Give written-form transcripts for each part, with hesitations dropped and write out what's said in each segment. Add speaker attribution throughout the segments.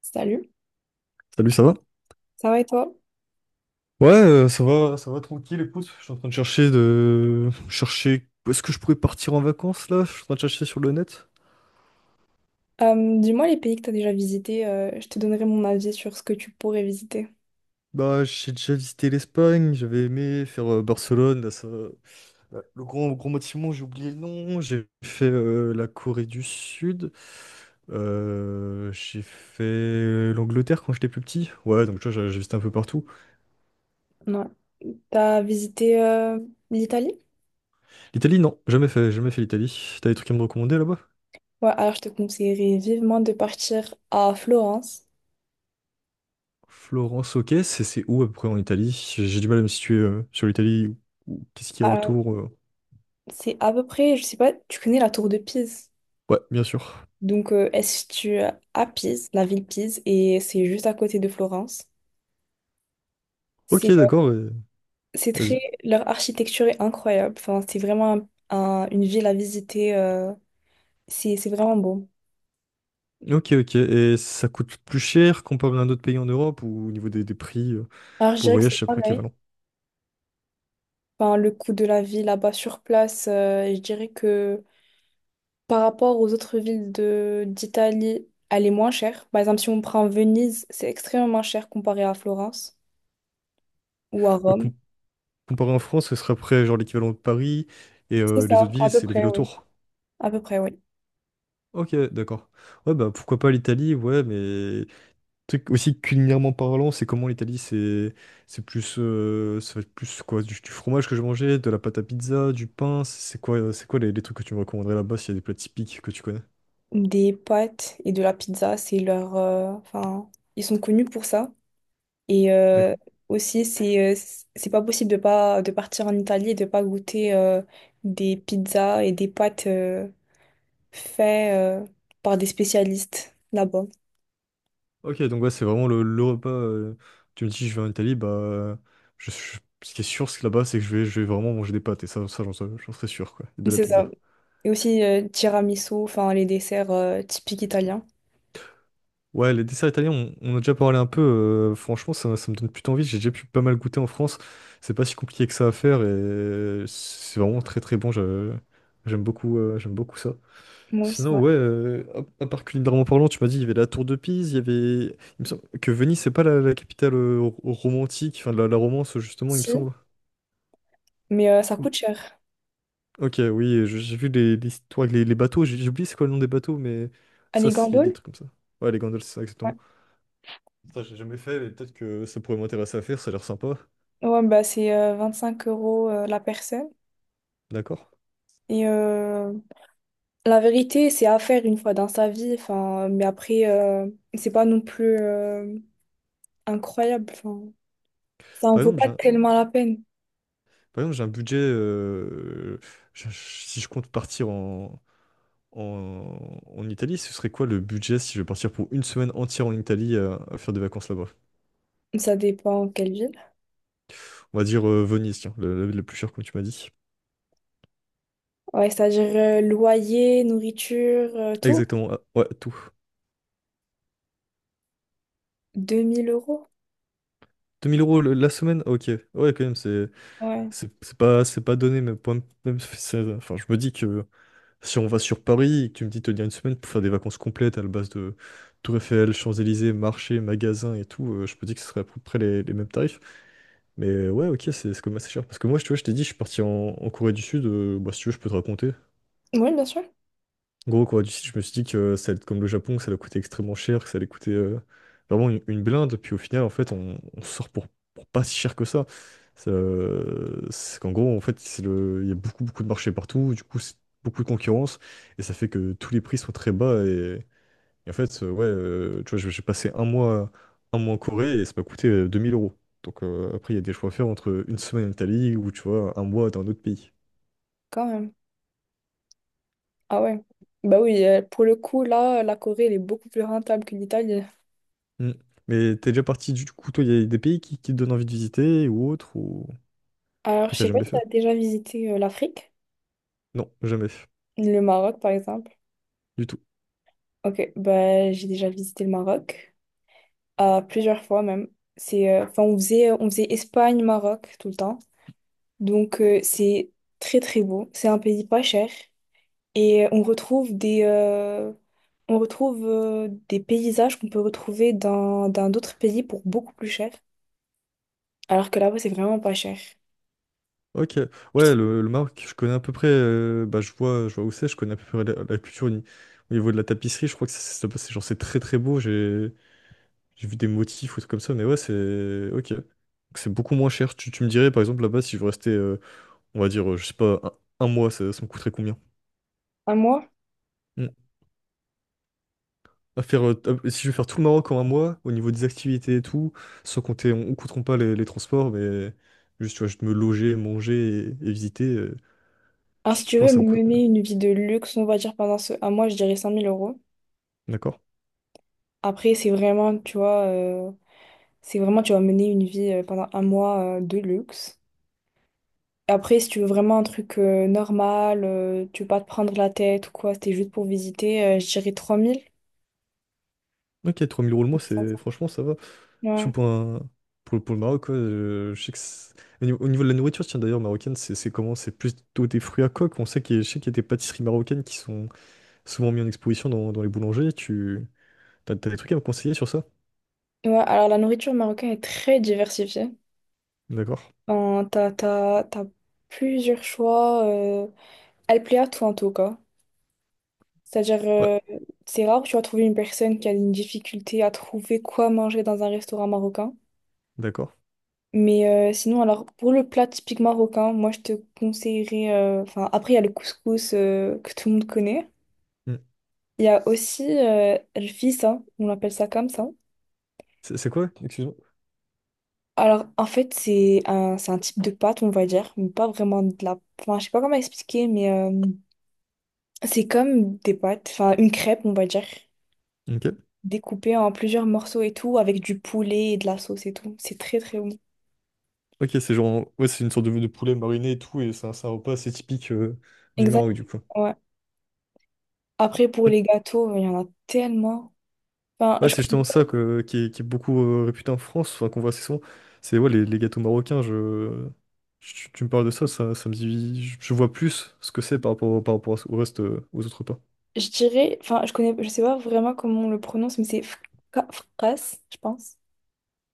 Speaker 1: Salut,
Speaker 2: Salut, ça va?
Speaker 1: ça va et toi?
Speaker 2: Ouais, ça va tranquille, écoute. Je suis en train de chercher où est-ce que je pourrais partir en vacances là? Je suis en train de chercher sur le net.
Speaker 1: Dis-moi les pays que tu as déjà visités, je te donnerai mon avis sur ce que tu pourrais visiter.
Speaker 2: Bah, j'ai déjà visité l'Espagne, j'avais aimé faire Barcelone, là, ça... là, le grand gros bâtiment, j'ai oublié le nom. J'ai fait la Corée du Sud. J'ai fait l'Angleterre quand j'étais plus petit. Ouais, donc tu vois, j'ai visité un peu partout.
Speaker 1: Ouais. T'as visité l'Italie?
Speaker 2: L'Italie, non, jamais fait, jamais fait l'Italie. T'as des trucs à me recommander là-bas?
Speaker 1: Ouais, alors je te conseillerais vivement de partir à Florence.
Speaker 2: Florence, ok, c'est où à peu près en Italie? J'ai du mal à me situer sur l'Italie. Ou Qu'est-ce qu'il y a
Speaker 1: Alors,
Speaker 2: autour?
Speaker 1: c'est à peu près, je sais pas, tu connais la tour de Pise.
Speaker 2: Ouais, bien sûr.
Speaker 1: Donc, elle se situe à Pise, la ville Pise, et c'est juste à côté de Florence.
Speaker 2: Ok,
Speaker 1: C'est
Speaker 2: d'accord,
Speaker 1: c'est très,
Speaker 2: vas-y.
Speaker 1: leur architecture est incroyable. Enfin, c'est vraiment une ville à visiter. C'est vraiment beau.
Speaker 2: Ok, ok. Et ça coûte plus cher comparé à un autre pays en Europe ou au niveau des prix
Speaker 1: Alors, je
Speaker 2: pour le
Speaker 1: dirais que c'est
Speaker 2: voyage, c'est à peu près
Speaker 1: pareil.
Speaker 2: équivalent.
Speaker 1: Enfin, le coût de la vie là-bas sur place, je dirais que par rapport aux autres villes de d'Italie, elle est moins chère. Par exemple, si on prend Venise, c'est extrêmement cher comparé à Florence ou à
Speaker 2: Euh,
Speaker 1: Rome.
Speaker 2: com- comparé en France, ce serait après genre l'équivalent de Paris et
Speaker 1: C'est
Speaker 2: les autres
Speaker 1: ça, à
Speaker 2: villes,
Speaker 1: peu
Speaker 2: c'est les villes
Speaker 1: près, oui.
Speaker 2: autour.
Speaker 1: À peu près, oui.
Speaker 2: Ok, d'accord. Ouais, bah pourquoi pas l'Italie, ouais, mais tu aussi culinairement parlant, c'est comment l'Italie? C'est plus ça va être plus quoi du fromage que je mangeais, de la pâte à pizza, du pain, c'est quoi les trucs que tu me recommanderais là-bas s'il y a des plats typiques que tu connais?
Speaker 1: Des pâtes et de la pizza, c'est leur... ils sont connus pour ça. Et
Speaker 2: D'accord.
Speaker 1: aussi, c'est pas possible de pas de partir en Italie et de pas goûter des pizzas et des pâtes. Fait euh, par des spécialistes là-bas.
Speaker 2: Ok, donc ouais, c'est vraiment le repas. Tu me dis je vais en Italie, bah je, je- ce qui est sûr c'est que là-bas, c'est que je vais vraiment manger des pâtes et ça j'en serais sûr quoi, et de la
Speaker 1: C'est
Speaker 2: pizza.
Speaker 1: ça. Et aussi tiramisu, enfin les desserts typiques italiens.
Speaker 2: Ouais, les desserts italiens, on a déjà parlé un peu. Franchement, ça me donne plutôt envie. J'ai déjà pu pas mal goûter en France. C'est pas si compliqué que ça à faire et c'est vraiment très très bon. J'aime beaucoup ça.
Speaker 1: Moi aussi,
Speaker 2: Sinon,
Speaker 1: ouais.
Speaker 2: ouais, à part culinairement parlant, tu m'as dit il y avait la tour de Pise, il y avait. Il me semble que Venise, c'est pas la capitale romantique, enfin de la romance justement, il me
Speaker 1: Si,
Speaker 2: semble.
Speaker 1: mais ça
Speaker 2: O-
Speaker 1: coûte cher.
Speaker 2: Ok, oui, j'ai vu l'histoire avec les bateaux. J'ai oublié c'est quoi le nom des bateaux, mais
Speaker 1: À
Speaker 2: ça,
Speaker 1: les
Speaker 2: c'est des
Speaker 1: gamboles?
Speaker 2: trucs comme ça. Ouais, les gondoles, c'est ça, exactement.
Speaker 1: Ouais.
Speaker 2: Ça, j'ai jamais fait, mais peut-être que ça pourrait m'intéresser à faire, ça a l'air sympa.
Speaker 1: Ouais, bah c'est 25 € la personne.
Speaker 2: D'accord.
Speaker 1: Et la vérité, c'est à faire une fois dans sa vie. Enfin, mais après, c'est pas non plus incroyable. Enfin, ça en
Speaker 2: Par
Speaker 1: vaut
Speaker 2: exemple,
Speaker 1: pas
Speaker 2: j'ai un,
Speaker 1: tellement la peine.
Speaker 2: Par exemple, j'ai un budget. Si je compte partir en Italie, ce serait quoi le budget si je vais partir pour une semaine entière en Italie à faire des vacances là-bas?
Speaker 1: Ça dépend quelle ville.
Speaker 2: On va dire Venise, tiens, le plus cher, comme tu m'as dit.
Speaker 1: Ouais, c'est-à-dire loyer, nourriture, tout.
Speaker 2: Exactement, ah, ouais, tout.
Speaker 1: Deux mille euros?
Speaker 2: Deux mille euros la semaine? Ok. Ouais, quand même, c'est
Speaker 1: Ouais.
Speaker 2: c'est c'est pas, c'est pas donné, mais même, enfin, je me dis que. Si on va sur Paris et que tu me dis de tenir une semaine pour faire des vacances complètes à la base de Tour Eiffel, Champs-Élysées, marché, magasin et tout, je peux dire que ce serait à peu près les mêmes tarifs. Mais ouais, ok, c'est quand même assez cher. Parce que moi, tu vois, je t'ai dit, je suis parti en Corée du Sud. Bah, si tu veux, je peux te raconter.
Speaker 1: Oui, bien sûr,
Speaker 2: Gros quoi, du style, je me suis dit que ça allait être comme le Japon, que ça allait coûter extrêmement cher, que ça allait coûter vraiment une blinde, puis au final en fait on sort pour pas si cher que ça. C'est qu'en gros en fait il y a beaucoup beaucoup de marchés partout, du coup c'est beaucoup de concurrence, et ça fait que tous les prix sont très bas, et en fait ouais, tu vois, j'ai passé un mois en Corée et ça m'a coûté 2 000 euros. Donc après il y a des choix à faire entre une semaine en Italie ou tu vois un mois dans un autre pays.
Speaker 1: quand même. Ah ouais. Bah oui, pour le coup, là, la Corée, elle est beaucoup plus rentable que l'Italie.
Speaker 2: Mm. Mais t'es déjà parti du coup, toi, il y a des pays qui te donnent envie de visiter ou autre, ou
Speaker 1: Alors,
Speaker 2: que
Speaker 1: je
Speaker 2: t'as
Speaker 1: sais pas
Speaker 2: jamais
Speaker 1: si tu
Speaker 2: fait?
Speaker 1: as déjà visité l'Afrique,
Speaker 2: Non, jamais fait,
Speaker 1: le Maroc, par exemple.
Speaker 2: du tout.
Speaker 1: Ok, bah j'ai déjà visité le Maroc, plusieurs fois même. C'est, enfin, on faisait Espagne-Maroc tout le temps. Donc, c'est très, très beau. C'est un pays pas cher. Et on retrouve des paysages qu'on peut retrouver dans d'autres pays pour beaucoup plus cher. Alors que là-bas, c'est vraiment pas cher.
Speaker 2: Ok,
Speaker 1: Je
Speaker 2: ouais,
Speaker 1: trouve
Speaker 2: le Maroc, je connais à peu près, bah, je vois, où c'est, je connais à peu près la culture au ni- au niveau de la tapisserie, je crois que c'est genre c'est très très beau, j'ai vu des motifs ou trucs comme ça, mais ouais, c'est ok. Donc, c'est beaucoup moins cher. Tu me dirais par exemple là-bas si je veux rester, on va dire, je sais pas, un mois, ça me coûterait combien?
Speaker 1: un mois.
Speaker 2: À faire, si je veux faire tout le Maroc en un mois, au niveau des activités et tout, sans compter, on ne compteront pas les transports, mais juste, tu vois, juste me loger, manger et visiter,
Speaker 1: Alors, si
Speaker 2: tu
Speaker 1: tu
Speaker 2: penses
Speaker 1: veux
Speaker 2: que ça me coûte combien?
Speaker 1: mener une vie de luxe, on va dire pendant ce un mois, je dirais 5000 euros.
Speaker 2: D'accord?
Speaker 1: Après, c'est vraiment, tu vois, c'est vraiment, tu vas mener une vie pendant un mois de luxe. Après, si tu veux vraiment un truc normal, tu veux pas te prendre la tête ou quoi, c'était juste pour visiter, je dirais 3000.
Speaker 2: Ok, 3 000 euros le mois, c'est, franchement, ça va. Surtout
Speaker 1: Ouais.
Speaker 2: pour le Maroc, quoi, je sais que au niveau de la nourriture, tiens, d'ailleurs, marocaine, c'est comment? C'est plutôt des fruits à coque. On sait qu'il y, a- je sais qu'il y a des pâtisseries marocaines qui sont souvent mises en exposition dans les boulangers. T'as des trucs à me conseiller sur ça?
Speaker 1: Ouais, alors la nourriture marocaine est très diversifiée.
Speaker 2: D'accord?
Speaker 1: T'as plusieurs choix. Elle plaît à tout en tout cas. C'est-à-dire,
Speaker 2: Ouais,
Speaker 1: euh, c'est rare que tu vas trouver une personne qui a une difficulté à trouver quoi manger dans un restaurant marocain.
Speaker 2: d'accord.
Speaker 1: Mais sinon, alors, pour le plat typique marocain, moi, je te conseillerais... après, il y a le couscous que tout le monde connaît.
Speaker 2: Hmm.
Speaker 1: Il y a aussi le fissa, on appelle ça comme ça.
Speaker 2: C'est quoi? Excuse-moi.
Speaker 1: Alors, en fait, c'est un type de pâte, on va dire, mais pas vraiment de la... Enfin, je sais pas comment expliquer, mais c'est comme des pâtes, enfin, une crêpe, on va dire.
Speaker 2: Ok.
Speaker 1: Découpé en plusieurs morceaux et tout, avec du poulet et de la sauce et tout. C'est très très bon.
Speaker 2: Ok, c'est genre, ouais, c'est une sorte de poulet mariné et tout, et c'est un repas assez typique du
Speaker 1: Exact,
Speaker 2: Maroc, du coup.
Speaker 1: ouais. Après, pour
Speaker 2: Ok.
Speaker 1: les gâteaux, il y en a tellement. Enfin,
Speaker 2: Ouais,
Speaker 1: je
Speaker 2: c'est
Speaker 1: connais
Speaker 2: justement
Speaker 1: pas-
Speaker 2: ça qui est beaucoup réputé en France, enfin, qu'on voit assez souvent. C'est ouais, les gâteaux marocains, tu me parles de ça, ça, me dit, je vois plus ce que c'est par rapport au reste, aux autres repas.
Speaker 1: je dirais, enfin, je connais, je sais pas vraiment comment on le prononce, mais c'est fkas, je pense.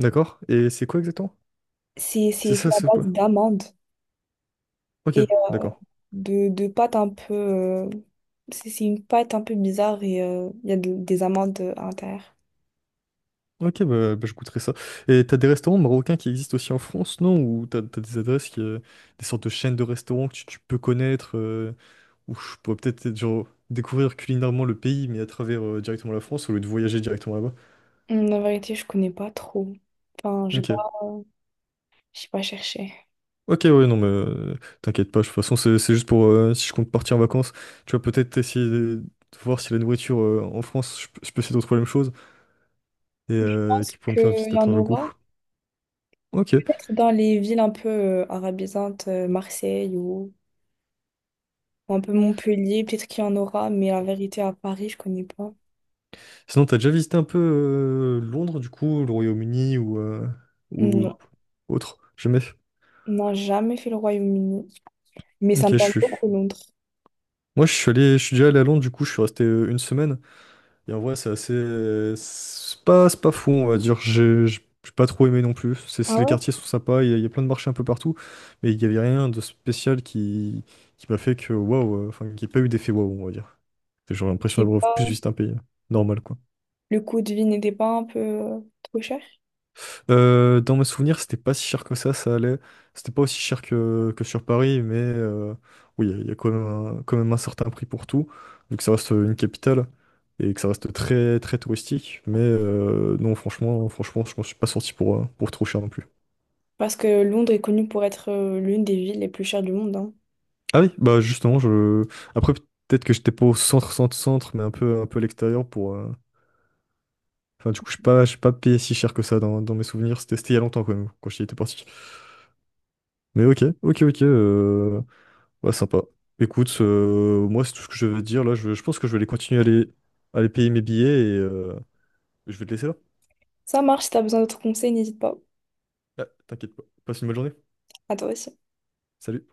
Speaker 2: D'accord? Et c'est quoi exactement?
Speaker 1: C'est
Speaker 2: C'est
Speaker 1: c'est fait
Speaker 2: ça,
Speaker 1: à
Speaker 2: ce
Speaker 1: base
Speaker 2: plat?
Speaker 1: d'amandes
Speaker 2: Ok,
Speaker 1: et
Speaker 2: d'accord.
Speaker 1: de pâte un peu. C'est une pâte un peu bizarre et il y a des amandes à l'intérieur.
Speaker 2: Ok, bah, bah, je goûterai ça. Et t'as des restaurants marocains qui existent aussi en France, non? Ou t'as des adresses, des sortes de chaînes de restaurants que tu peux connaître? Où je pourrais peut-être genre, découvrir culinairement le pays, mais à travers directement la France, au lieu de voyager directement là-bas.
Speaker 1: La vérité, je connais pas trop. Enfin, j'ai pas.
Speaker 2: Ok.
Speaker 1: euh, J'ai pas cherché. Je
Speaker 2: Ok, ouais, non, mais t'inquiète pas, de toute façon, c'est juste pour si je compte partir en vacances, tu vas peut-être essayer de voir si la nourriture en France, je peux essayer de trouver la même chose et
Speaker 1: pense
Speaker 2: qui pourrait me faire
Speaker 1: qu'il
Speaker 2: visiter
Speaker 1: y
Speaker 2: à
Speaker 1: en
Speaker 2: travers le
Speaker 1: aura.
Speaker 2: goût. Ok.
Speaker 1: Peut-être dans les villes un peu arabisantes, Marseille ou un peu Montpellier, peut-être qu'il y en aura, mais la vérité, à Paris, je connais pas.
Speaker 2: Sinon, t'as déjà visité un peu Londres, du coup, le Royaume-Uni ou,
Speaker 1: Non,
Speaker 2: ou ou autre? Jamais.
Speaker 1: n'a jamais fait le Royaume-Uni. Mais ça
Speaker 2: Ok,
Speaker 1: me
Speaker 2: je
Speaker 1: tente
Speaker 2: suis.
Speaker 1: beaucoup Londres.
Speaker 2: Moi, je suis déjà allé à Londres, du coup, je suis resté une semaine. Et en vrai, c'est assez. C'est pas fou, on va dire. J'ai pas trop aimé non plus.
Speaker 1: Ah
Speaker 2: Les
Speaker 1: ouais?
Speaker 2: quartiers sont sympas, il y a plein de marchés un peu partout, mais il y avait rien de spécial qui m'a fait que waouh, enfin, qu'il n'y ait pas eu d'effet waouh, on va dire. J'ai l'impression
Speaker 1: Et
Speaker 2: d'avoir
Speaker 1: pas...
Speaker 2: plus visité un pays normal, quoi.
Speaker 1: Le coût de vie n'était pas un peu trop cher?
Speaker 2: Dans mes souvenirs, c'était pas si cher que ça allait. C'était pas aussi cher que sur Paris, mais oui, il y a quand même un certain prix pour tout, vu que ça reste une capitale et que ça reste très très touristique. Mais non, franchement, franchement, je m'en suis pas sorti pour trop cher non plus.
Speaker 1: Parce que Londres est connue pour être l'une des villes les plus chères du monde, hein.
Speaker 2: Ah oui, bah justement. Après peut-être que j'étais pas au centre, centre, centre, mais un peu à l'extérieur pour. Enfin, du coup, je n'ai pas, j'ai pas payé si cher que ça dans mes souvenirs. C'était il y a longtemps quand même, quand j'y étais parti. Mais ok, ok, ok. Ouais, sympa. Écoute, moi, c'est tout ce que je veux dire. Là, je pense que je vais aller continuer à aller, payer mes billets et je vais te laisser là.
Speaker 1: Ça marche, si t'as besoin d'autres conseils, n'hésite pas.
Speaker 2: Ah, t'inquiète pas. Passe une bonne journée.
Speaker 1: À toi aussi.
Speaker 2: Salut.